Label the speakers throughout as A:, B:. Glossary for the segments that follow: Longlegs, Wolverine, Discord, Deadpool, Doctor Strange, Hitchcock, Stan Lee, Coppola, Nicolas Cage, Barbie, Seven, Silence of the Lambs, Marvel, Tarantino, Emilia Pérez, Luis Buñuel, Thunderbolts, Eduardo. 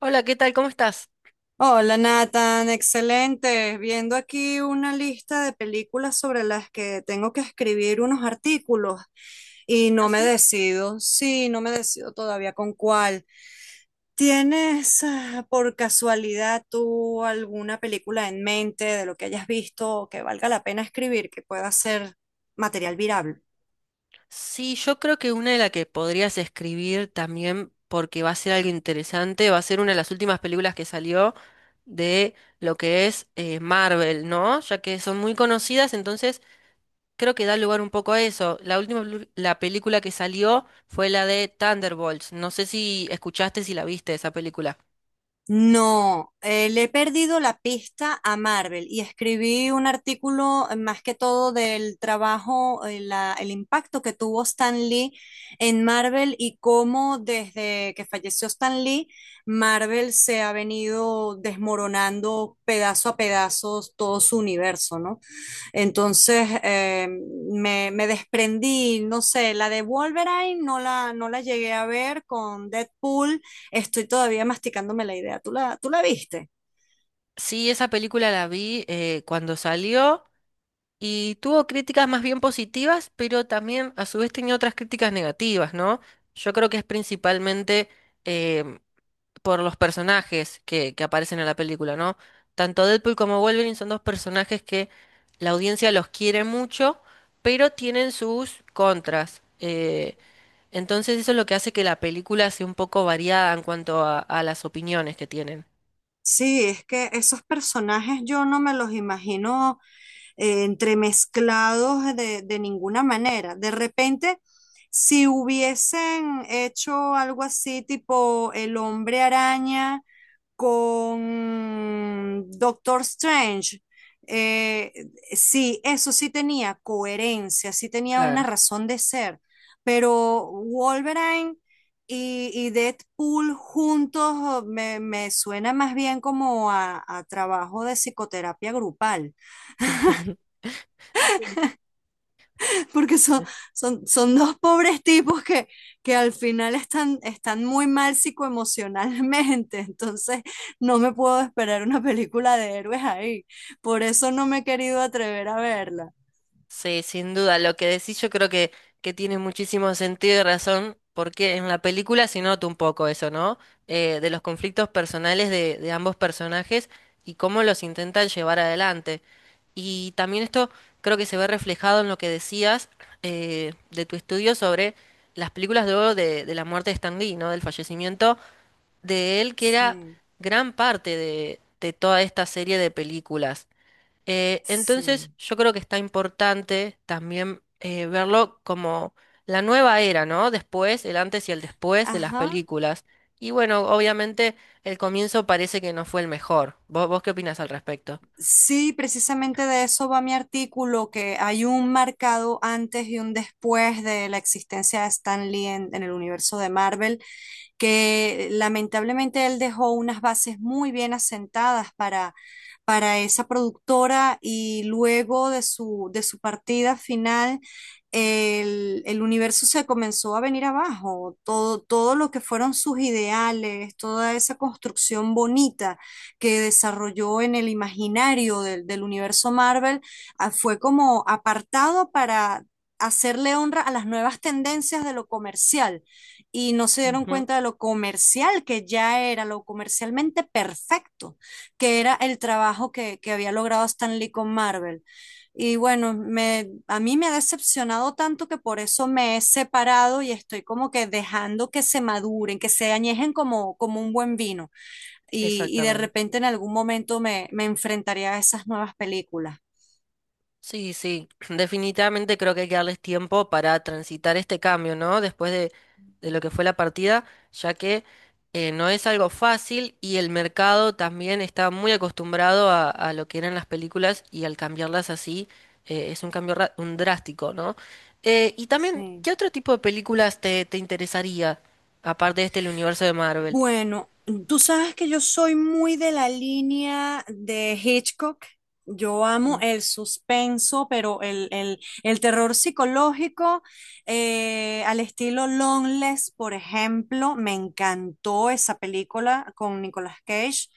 A: Hola, ¿qué tal? ¿Cómo estás?
B: Hola Nathan, excelente. Viendo aquí una lista de películas sobre las que tengo que escribir unos artículos y
A: ¿Ah,
B: no me
A: sí?
B: decido, sí, no me decido todavía con cuál. ¿Tienes por casualidad tú alguna película en mente de lo que hayas visto que valga la pena escribir, que pueda ser material virable?
A: Sí, yo creo que una de las que podrías escribir también, porque va a ser algo interesante, va a ser una de las últimas películas que salió de lo que es Marvel, ¿no? Ya que son muy conocidas, entonces creo que da lugar un poco a eso. La última, la película que salió fue la de Thunderbolts. No sé si escuchaste, si la viste esa película.
B: No, le he perdido la pista a Marvel y escribí un artículo más que todo del trabajo, el impacto que tuvo Stan Lee en Marvel y cómo desde que falleció Stan Lee, Marvel se ha venido desmoronando pedazo a pedazos todo su universo, ¿no? Entonces eh, me desprendí, no sé, la de Wolverine no la llegué a ver con Deadpool, estoy todavía masticándome la idea. Tú la viste?
A: Sí, esa película la vi cuando salió. Y tuvo críticas más bien positivas, pero también a su vez tenía otras críticas negativas, ¿no? Yo creo que es principalmente em, por los personajes que aparecen en la película, ¿no? Tanto Deadpool como Wolverine son dos personajes que la audiencia los quiere mucho, pero tienen sus contras. Entonces eso es lo que hace que la película sea un poco variada en cuanto a las opiniones que tienen.
B: Sí, es que esos personajes yo no me los imagino entremezclados de ninguna manera. De repente, si hubiesen hecho algo así, tipo el hombre araña con Doctor Strange, eh, sí, eso sí tenía coherencia, sí tenía una
A: Claro.
B: razón de ser. Pero Wolverine... Y Deadpool juntos me suena más bien como a trabajo de psicoterapia grupal,
A: Sí.
B: porque son, son dos pobres tipos que al final están, están muy mal psicoemocionalmente, entonces no me puedo esperar una película de héroes ahí, por eso no me he querido atrever a verla.
A: Sí, sin duda. Lo que decís yo creo que tiene muchísimo sentido y razón, porque en la película se nota un poco eso, ¿no? De los conflictos personales de ambos personajes y cómo los intentan llevar adelante. Y también esto creo que se ve reflejado en lo que decías de tu estudio sobre las películas de oro de la muerte de Stan Lee, ¿no? Del fallecimiento de él, que era
B: Sí,
A: gran parte de toda esta serie de películas. Entonces,
B: sí.
A: yo creo que está importante también verlo como la nueva era, ¿no? Después, el antes y el después de las
B: Ajá.
A: películas. Y bueno, obviamente el comienzo parece que no fue el mejor. Vos qué opinas al respecto?
B: Sí, precisamente de eso va mi artículo, que hay un marcado antes y un después de la existencia de Stan Lee en el universo de Marvel, que lamentablemente él dejó unas bases muy bien asentadas para esa productora y luego de su partida final, el universo se comenzó a venir abajo, todo, todo lo que fueron sus ideales, toda esa construcción bonita que desarrolló en el imaginario del, del universo Marvel, fue como apartado para hacerle honra a las nuevas tendencias de lo comercial y no se dieron
A: Ujú.
B: cuenta de lo comercial que ya era, lo comercialmente perfecto, que era el trabajo que había logrado Stan Lee con Marvel. Y bueno, a mí me ha decepcionado tanto que por eso me he separado y estoy como que dejando que se maduren, que se añejen como, como un buen vino y de
A: Exactamente.
B: repente en algún momento me enfrentaría a esas nuevas películas.
A: Sí, sí, definitivamente creo que hay que darles tiempo para transitar este cambio, ¿no? Después de lo que fue la partida, ya que no es algo fácil y el mercado también está muy acostumbrado a lo que eran las películas y al cambiarlas así es un cambio un drástico, ¿no? Y también,
B: Sí.
A: ¿qué otro tipo de películas te interesaría, aparte de este, el universo de Marvel?
B: Bueno, tú sabes que yo soy muy de la línea de Hitchcock. Yo amo
A: Mm.
B: el suspenso, pero el terror psicológico al estilo Longlegs, por ejemplo, me encantó esa película con Nicolas Cage,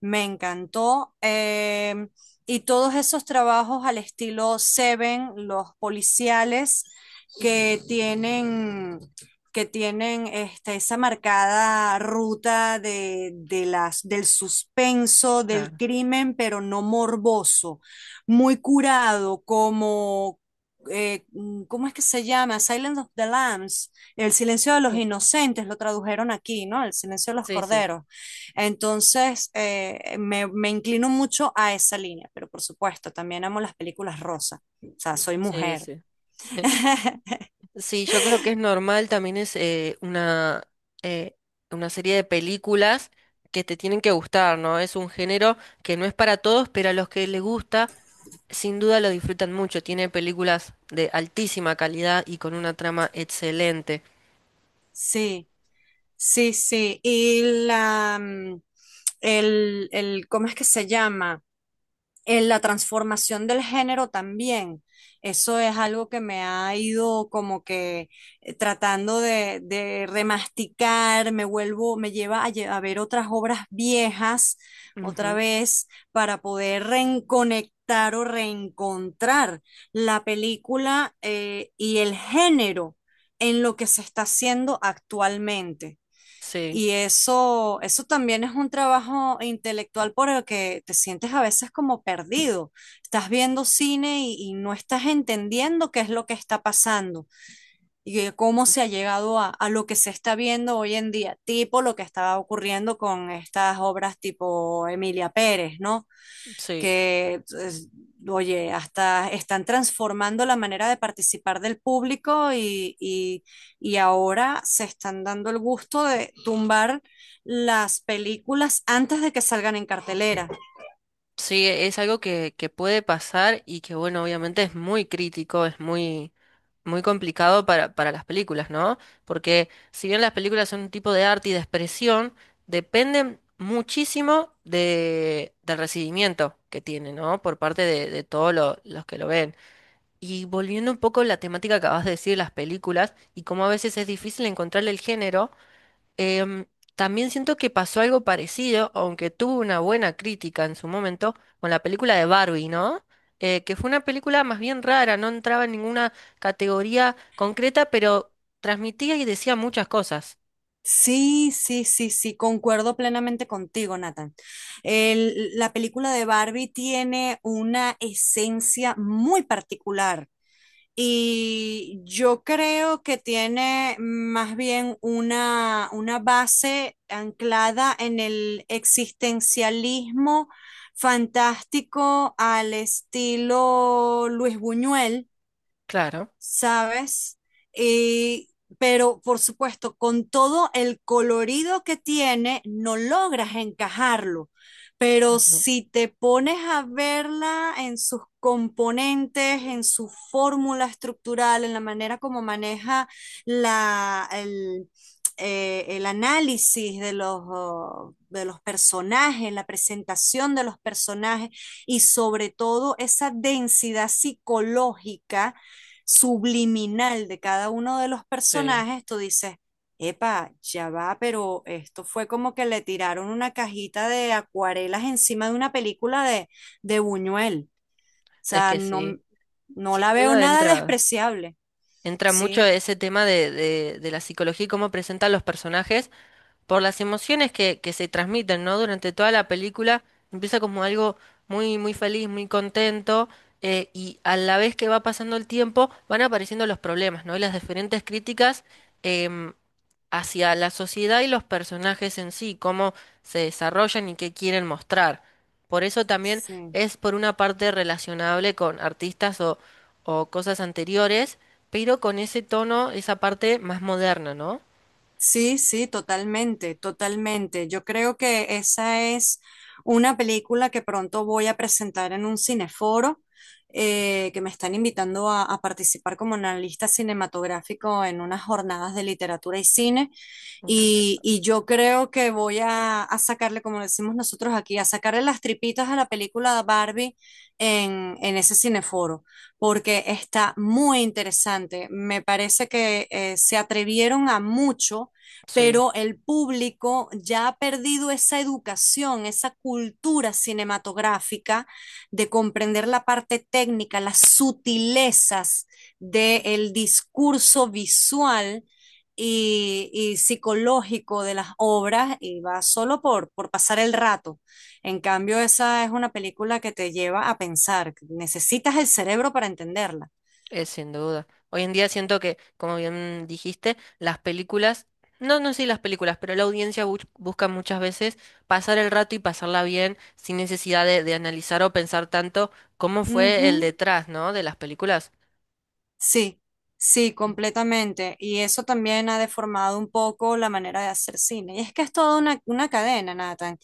B: me encantó. Y todos esos trabajos al estilo Seven, los policiales que tienen que tienen este, esa marcada ruta de las, del suspenso, del
A: Claro.
B: crimen, pero no morboso, muy curado, como, ¿cómo es que se llama? Silence of the Lambs, El silencio de los
A: Sí,
B: inocentes, lo tradujeron aquí, ¿no? El silencio de los
A: sí, sí,
B: corderos. Entonces, me inclino mucho a esa línea, pero por supuesto, también amo las películas rosa, o sea, soy
A: sí,
B: mujer.
A: sí. Sí, yo creo que es normal, también es eh, una serie de películas que te tienen que gustar, ¿no? Es un género que no es para todos, pero a los que les gusta, sin duda lo disfrutan mucho. Tiene películas de altísima calidad y con una trama excelente.
B: Sí, sí, sí. Y la, mm, ¿cómo es que se llama? La transformación del género también. Eso es algo que me ha ido como que tratando de remasticar, me vuelvo, me lleva a, a ver otras obras viejas otra
A: Ujú.
B: vez para poder reconectar o reencontrar la película y el género en lo que se está haciendo actualmente.
A: Sí,
B: Y eso también es un trabajo intelectual por el que te sientes a veces como perdido. Estás viendo cine y no estás entendiendo qué es lo que está pasando y que cómo se ha llegado a lo que se está viendo hoy en día, tipo lo que estaba ocurriendo con estas obras tipo Emilia Pérez, ¿no?
A: sí.
B: que, es- oye, hasta están transformando la manera de participar del público y ahora se están dando el gusto de tumbar las películas antes de que salgan en cartelera.
A: Sí, es algo que puede pasar y que, bueno, obviamente es muy crítico, es muy muy complicado para las películas, ¿no? Porque si bien las películas son un tipo de arte y de expresión, dependen muchísimo del recibimiento que tiene, ¿no? Por parte de todos los que lo ven. Y volviendo un poco a la temática que acabas de decir, las películas, y cómo a veces es difícil encontrarle el género. Em, también siento que pasó algo parecido, aunque tuvo una buena crítica en su momento, con la película de Barbie, ¿no? Que fue una película más bien rara, no entraba en ninguna categoría concreta, pero transmitía y decía muchas cosas.
B: Sí, sí, sí, sí, concuerdo plenamente contigo, Nathan. La película de Barbie tiene una esencia muy particular. Y yo creo que tiene más bien una base anclada en el existencialismo fantástico al estilo Luis Buñuel,
A: Claro.
B: ¿sabes? Y, pero por supuesto, con todo el colorido que tiene, no logras encajarlo. Pero
A: Ujú.
B: si te pones a verla en sus componentes, en su fórmula estructural, en la manera como maneja la, el, el análisis de los personajes, la presentación de los personajes y sobre todo esa densidad psicológica subliminal de cada uno de los
A: Sí,
B: personajes, tú dices, epa, ya va, pero esto fue como que le tiraron una cajita de acuarelas encima de una película de Buñuel. O
A: es
B: sea,
A: que
B: no,
A: sí.
B: no
A: Sin
B: la veo
A: duda
B: nada despreciable.
A: entra mucho
B: Sí,
A: ese tema de la psicología y cómo presentan los personajes por las emociones que se transmiten, ¿no? Durante toda la película empieza como algo muy, muy feliz, muy contento, y a la vez que va pasando el tiempo van apareciendo los problemas, ¿no? Y las diferentes críticas em, hacia la sociedad y los personajes en sí, cómo se desarrollan y qué quieren mostrar. Por eso también
B: sí.
A: es por una parte relacionable con artistas o cosas anteriores, pero con ese tono, esa parte más moderna, ¿no?
B: Sí, sí, totalmente, totalmente. Yo creo que esa es una película que pronto voy a presentar en un cineforo, que me están invitando a participar como analista cinematográfico en unas jornadas de literatura y cine.
A: Ok.
B: Y yo creo que voy a sacarle, como decimos nosotros aquí, a sacarle las tripitas a la película Barbie en ese cineforo, porque está muy interesante. Me parece que se atrevieron a mucho,
A: Sí.
B: pero el público ya ha perdido esa educación, esa cultura cinematográfica de comprender la parte técnica, las sutilezas del discurso visual. Y, y psicológico de las obras y va solo por pasar el rato. En cambio, esa es una película que te lleva a pensar, necesitas el cerebro para entenderla.
A: Es sin duda. Hoy en día siento que, como bien dijiste, las películas, no, no sí las películas, pero la audiencia busca muchas veces pasar el rato y pasarla bien sin necesidad de analizar o pensar tanto cómo
B: Uh
A: fue el
B: -huh.
A: detrás, ¿no? De las películas.
B: Sí, sí, completamente. Y eso también ha deformado un poco la manera de hacer cine. Y es que es toda una cadena, Nathan.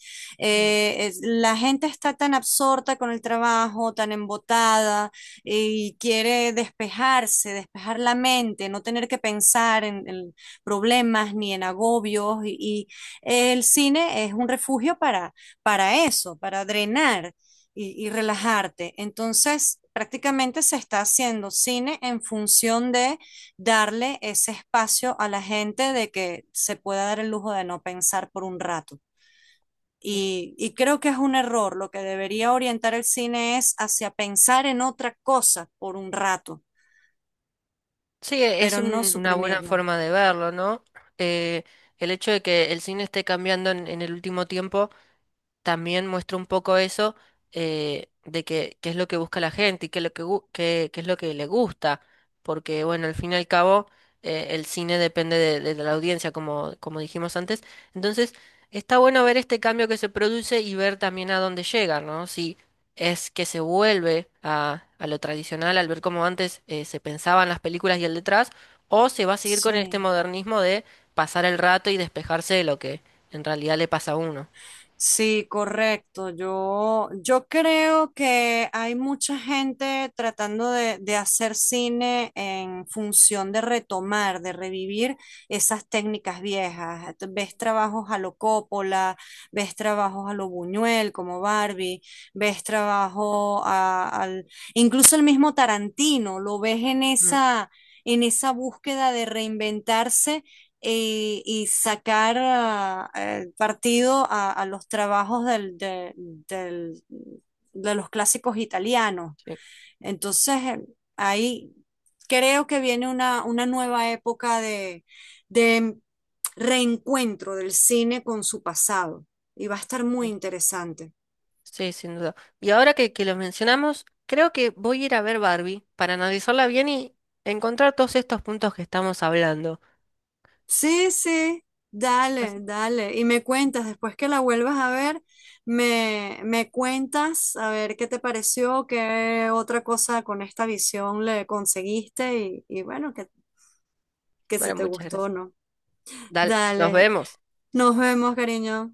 A: Mm.
B: La gente está tan absorta con el trabajo, tan embotada, y quiere despejarse, despejar la mente, no tener que pensar en problemas ni en agobios. Y el cine es un refugio para eso, para drenar y relajarte. Entonces, prácticamente se está haciendo cine en función de darle ese espacio a la gente de que se pueda dar el lujo de no pensar por un rato. Y creo que es un error. Lo que debería orientar el cine es hacia pensar en otra cosa por un rato,
A: Sí, es
B: pero no
A: una buena
B: suprimirnos.
A: forma de verlo, ¿no? Eh, el hecho de que el cine esté cambiando en el último tiempo también muestra un poco eso de que, qué es lo que busca la gente y qué es lo qué es lo que le gusta, porque bueno, al fin y al cabo el cine depende de la audiencia, como, como dijimos antes. Entonces, está bueno ver este cambio que se produce y ver también a dónde llega, ¿no? Si es que se vuelve a lo tradicional al ver cómo antes se pensaban las películas y el detrás, o se va a seguir con este
B: Sí.
A: modernismo de pasar el rato y despejarse de lo que en realidad le pasa a uno.
B: Sí, correcto. Yo creo que hay mucha gente tratando de hacer cine en función de retomar, de revivir esas técnicas viejas. Ves trabajos a lo Coppola, ves trabajos a lo Buñuel como Barbie, ves trabajo incluso el mismo Tarantino, lo ves
A: Mm.
B: en esa búsqueda de reinventarse y sacar partido a los trabajos de los clásicos italianos. Entonces, ahí creo que viene una nueva época de reencuentro del cine con su pasado y va a estar muy interesante.
A: Sí, sin duda. Y ahora que lo mencionamos, creo que voy a ir a ver Barbie para analizarla bien y encontrar todos estos puntos que estamos hablando.
B: Sí, sí, dale,
A: Así-
B: dale. Y me cuentas, después que la vuelvas a ver, me cuentas a ver qué te pareció, qué otra cosa con esta visión le conseguiste y bueno, que si
A: Bueno,
B: te
A: muchas
B: gustó o
A: gracias.
B: no.
A: Dale, nos
B: Dale,
A: vemos.
B: nos vemos, cariño.